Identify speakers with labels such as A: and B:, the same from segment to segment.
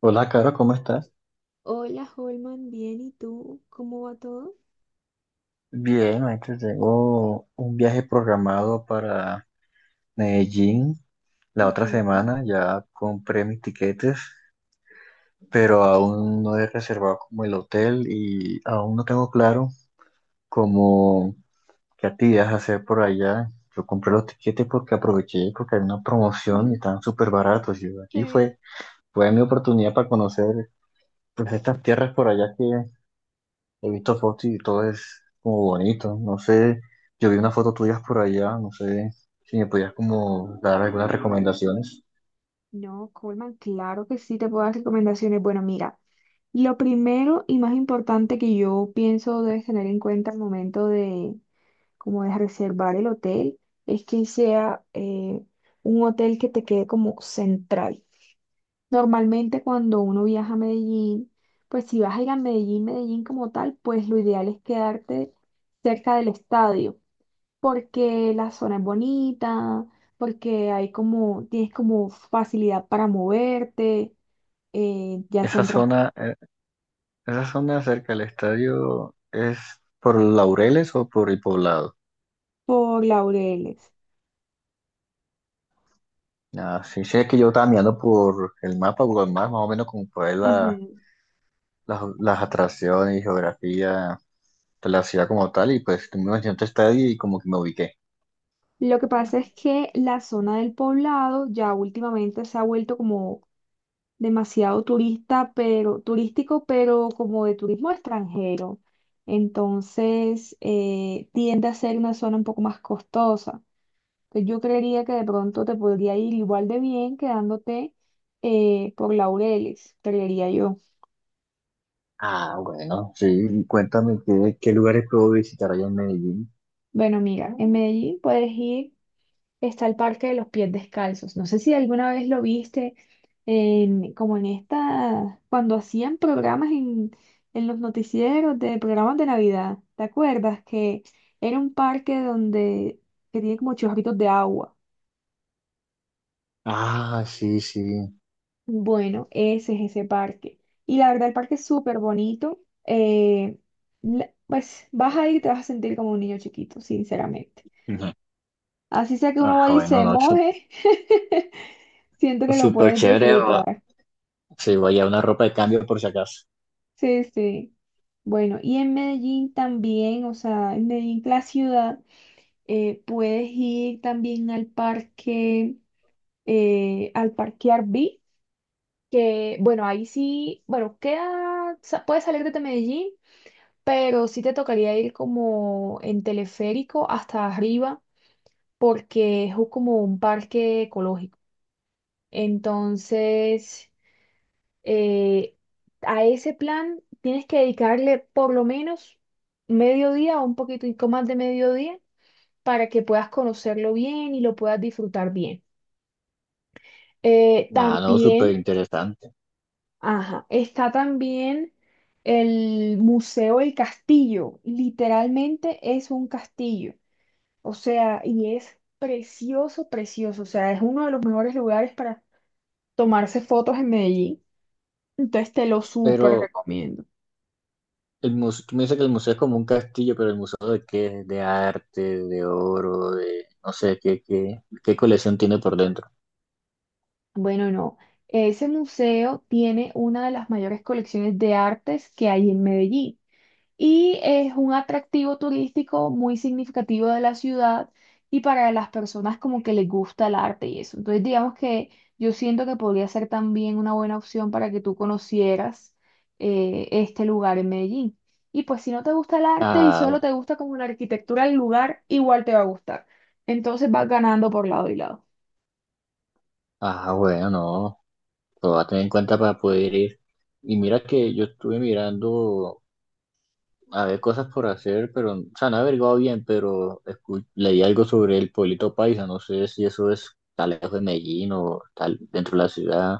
A: Hola, Caro, ¿cómo estás?
B: Hola, Holman, bien, ¿y tú? ¿Cómo va todo?
A: Bien, ahorita tengo un viaje programado para Medellín la otra
B: Ujú,
A: semana. Ya compré mis tiquetes, pero aún no he reservado como el hotel y aún no tengo claro como qué actividades hacer por allá. Yo compré los tiquetes porque aproveché, porque hay una promoción y
B: ujú,
A: estaban súper baratos. Y aquí
B: sí.
A: fue mi oportunidad para conocer pues estas tierras por allá que he visto fotos y todo es como bonito. No sé, yo vi unas fotos tuyas por allá, no sé si me podías como dar algunas recomendaciones.
B: No, Holman, claro que sí te puedo dar recomendaciones. Bueno, mira, lo primero y más importante que yo pienso debes tener en cuenta al momento de, como de reservar el hotel, es que sea un hotel que te quede como central. Normalmente cuando uno viaja a Medellín, pues si vas a ir a Medellín, Medellín como tal, pues lo ideal es quedarte cerca del estadio. Porque la zona es bonita, porque hay como, tienes como facilidad para moverte, ya se
A: Esa
B: entras
A: zona, eh, esa zona cerca del estadio es por Laureles o por el Poblado.
B: por Laureles.
A: Ah, sí, sí, es que yo estaba mirando por el mapa, Google Maps, más o menos como por ahí la-
B: Ujú.
A: las, las atracciones y geografía de la ciudad como tal, y pues tú me mencionaste estadio y como que me ubiqué.
B: Lo que pasa es que la zona del poblado ya últimamente se ha vuelto como demasiado turista, pero turístico, pero como de turismo extranjero. Entonces, tiende a ser una zona un poco más costosa. Entonces, yo creería que de pronto te podría ir igual de bien quedándote por Laureles, creería yo.
A: Ah, bueno, sí, cuéntame qué lugares puedo visitar allá en Medellín.
B: Bueno, mira, en Medellín puedes ir, está el Parque de los Pies Descalzos. No sé si alguna vez lo viste como en esta, cuando hacían programas en los noticieros de programas de Navidad. ¿Te acuerdas que era un parque donde que tiene como chorritos de agua?
A: Ah, sí, sí.
B: Bueno, ese es ese parque. Y la verdad, el parque es súper bonito. eh, pues vas a ir y te vas a sentir como un niño chiquito, sinceramente.
A: Ujú.
B: Así sea que uno
A: Ah,
B: vaya y
A: bueno,
B: se
A: no,
B: moje, siento que lo
A: súper
B: puedes
A: chévere.
B: disfrutar.
A: Sí, voy a una ropa de cambio por si acaso.
B: Sí, sí. Bueno, y en Medellín también, o sea, en Medellín, la ciudad, puedes ir también al parque Arví, que bueno, ahí sí, bueno, queda, puedes salir desde Medellín pero sí te tocaría ir como en teleférico hasta arriba porque es como un parque ecológico. Entonces, eh, a ese plan tienes que dedicarle por lo menos mediodía o un poquitico más de mediodía para que puedas conocerlo bien y lo puedas disfrutar bien.
A: Nada, no, súper
B: También,
A: interesante.
B: ajá, está también el Museo del Castillo. Literalmente es un castillo. O sea, y es precioso, precioso. O sea, es uno de los mejores lugares para tomarse fotos en Medellín. Entonces te lo súper
A: Pero
B: recomiendo.
A: el museo, tú me dices que el museo es como un castillo, pero el museo de qué, de arte, de oro, de no sé qué, qué colección tiene por dentro.
B: Bueno, no. Ese museo tiene una de las mayores colecciones de artes que hay en Medellín. Y es un atractivo turístico muy significativo de la ciudad y para las personas como que les gusta el arte y eso. Entonces, digamos que yo siento que podría ser también una buena opción para que tú conocieras este lugar en Medellín. Y pues si no te gusta el arte y
A: Ah,
B: solo te gusta como la arquitectura del lugar, igual te va a gustar. Entonces vas ganando por lado y lado.
A: ah, bueno, no, lo voy a tener en cuenta para poder ir. Y mira que yo estuve mirando. Había cosas por hacer, pero, o sea, no he averiguado bien, pero leí algo sobre el pueblito paisa, no sé si eso es tal lejos de Medellín o tal dentro de la ciudad.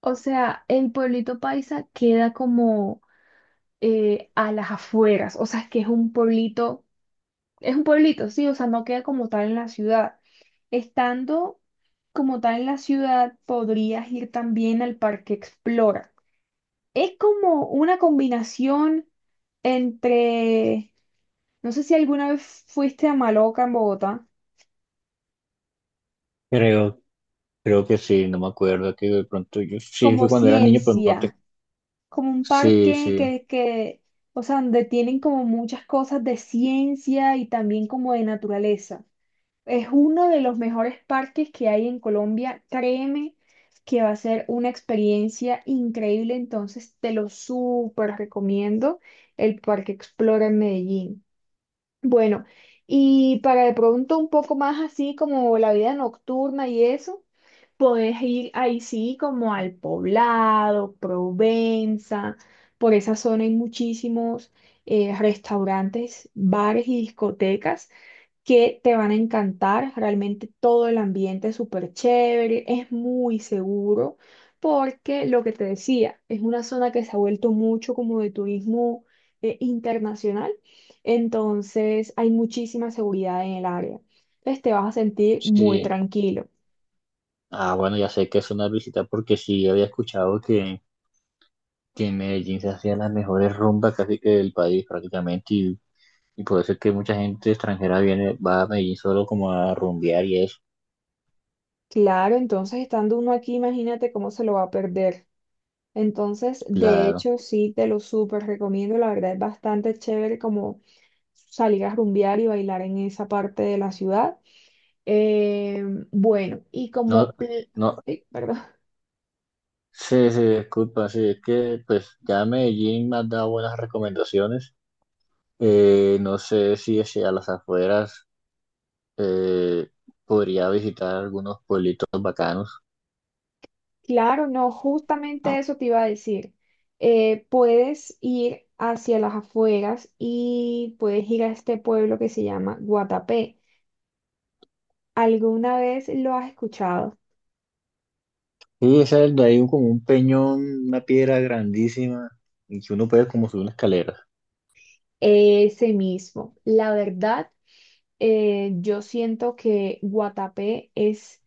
B: O sea, el pueblito Paisa queda como a las afueras, o sea, es que es un pueblito. Es un pueblito, sí, o sea, no queda como tal en la ciudad. Estando como tal en la ciudad, podrías ir también al Parque Explora. Es como una combinación entre, no sé si alguna vez fuiste a Maloca en Bogotá,
A: Creo, creo que sí, no me acuerdo, que de pronto yo sí fui
B: como
A: cuando era niño, pero no te...
B: ciencia, como un
A: Sí,
B: parque
A: sí,
B: o sea, donde tienen como muchas cosas de ciencia y también como de naturaleza. Es uno de los mejores parques que hay en Colombia. Créeme que va a ser una experiencia increíble, entonces te lo súper recomiendo, el Parque Explora en Medellín. Bueno, y para de pronto un poco más así como la vida nocturna y eso, podés ir ahí sí como al Poblado, Provenza, por esa zona hay muchísimos restaurantes, bares y discotecas que te van a encantar. Realmente todo el ambiente es súper chévere, es muy seguro, porque lo que te decía, es una zona que se ha vuelto mucho como de turismo internacional, entonces hay muchísima seguridad en el área. Entonces te vas a sentir muy
A: sí.
B: tranquilo.
A: Ah, bueno, ya sé que es una visita porque sí había escuchado que en Medellín se hacían las mejores rumbas casi que del país prácticamente y por eso es que mucha gente extranjera viene, va a Medellín solo como a rumbear y eso.
B: Claro, entonces estando uno aquí, imagínate cómo se lo va a perder. Entonces, de
A: Claro.
B: hecho, sí, te lo súper recomiendo. La verdad es bastante chévere como salir a rumbear y bailar en esa parte de la ciudad. Eh, bueno, y
A: No,
B: como,
A: no,
B: ay, perdón.
A: sí, sí, disculpa, sí, es que pues ya Medellín me ha dado buenas recomendaciones. No sé si hacia las afueras eh, podría visitar algunos pueblitos bacanos.
B: Claro, no, justamente eso te iba a decir. Puedes ir hacia las afueras y puedes ir a este pueblo que se llama Guatapé. ¿Alguna vez lo has escuchado?
A: Sí, ese es de ahí como un peñón, una piedra grandísima y que uno puede como subir una escalera.
B: Ese mismo. La verdad. Yo siento que Guatapé es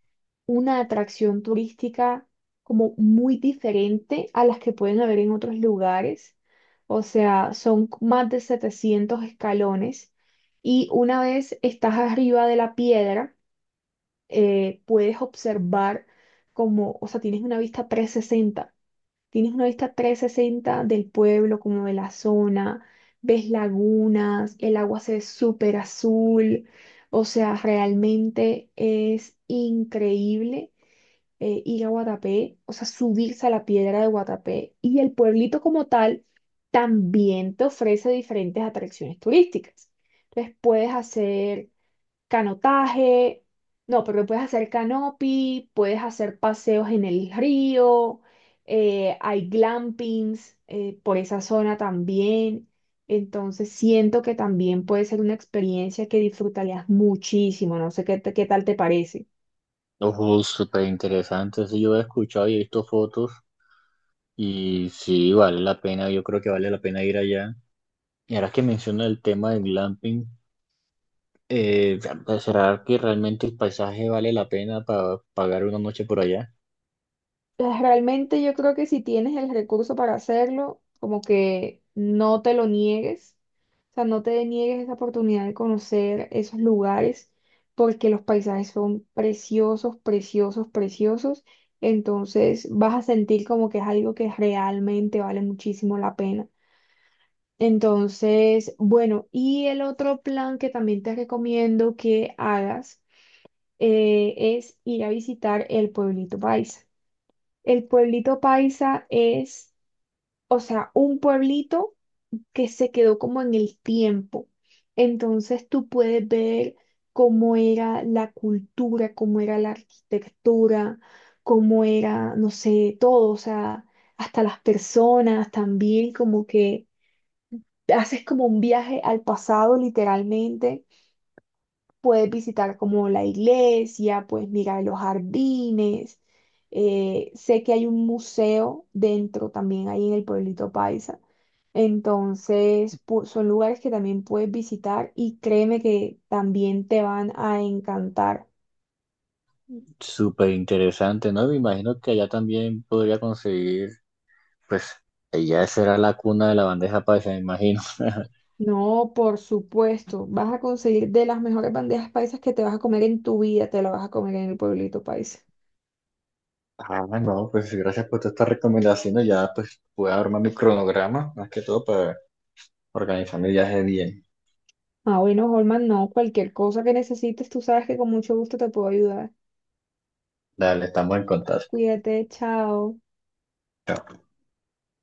B: una atracción turística como muy diferente a las que pueden haber en otros lugares. O sea, son más de 700 escalones y una vez estás arriba de la piedra, puedes observar como, o sea, tienes una vista 360. Tienes una vista 360 del pueblo, como de la zona, ves lagunas, el agua se ve súper azul, o sea, realmente es increíble ir a Guatapé, o sea, subirse a la piedra de Guatapé y el pueblito como tal también te ofrece diferentes atracciones turísticas. Entonces puedes hacer canotaje, no, pero puedes hacer canopy, puedes hacer paseos en el río, hay glampings por esa zona también. Entonces siento que también puede ser una experiencia que disfrutarías muchísimo. No sé qué, qué tal te parece.
A: Ojo, súper interesante, sí, yo he escuchado y he visto fotos y sí, vale la pena, yo creo que vale la pena ir allá. Y ahora que menciona el tema del glamping. Eh, ¿Será que realmente el paisaje vale la pena para pagar una noche por allá?
B: Pues, realmente yo creo que si tienes el recurso para hacerlo, como que no te lo niegues, o sea, no te niegues esa oportunidad de conocer esos lugares, porque los paisajes son preciosos, preciosos, preciosos, entonces vas a sentir como que es algo que realmente vale muchísimo la pena. Entonces, bueno, y el otro plan que también te recomiendo que hagas es ir a visitar el pueblito paisa. El pueblito paisa es, o sea, un pueblito que se quedó como en el tiempo. Entonces tú puedes ver cómo era la cultura, cómo era la arquitectura, cómo era, no sé, todo, o sea, hasta las personas también, como que haces como un viaje al pasado literalmente. Puedes visitar como la iglesia, puedes mirar los jardines. Sé que hay un museo dentro también ahí en el pueblito Paisa. Entonces, son lugares que también puedes visitar y créeme que también te van a encantar.
A: Súper interesante, ¿no? Me imagino que allá también podría conseguir, pues, ella será la cuna de la bandeja paisa, me imagino.
B: No, por supuesto, vas a conseguir de las mejores bandejas paisas que te vas a comer en tu vida, te la vas a comer en el pueblito paisa.
A: Ah, no, pues gracias por todas estas recomendaciones. Ya pues voy a armar mi cronograma, más que todo para organizar mi viaje bien.
B: Ah, bueno, Holman, no, cualquier cosa que necesites, tú sabes que con mucho gusto te puedo ayudar.
A: Dale, estamos en contacto.
B: Cuídate, chao.
A: Chao.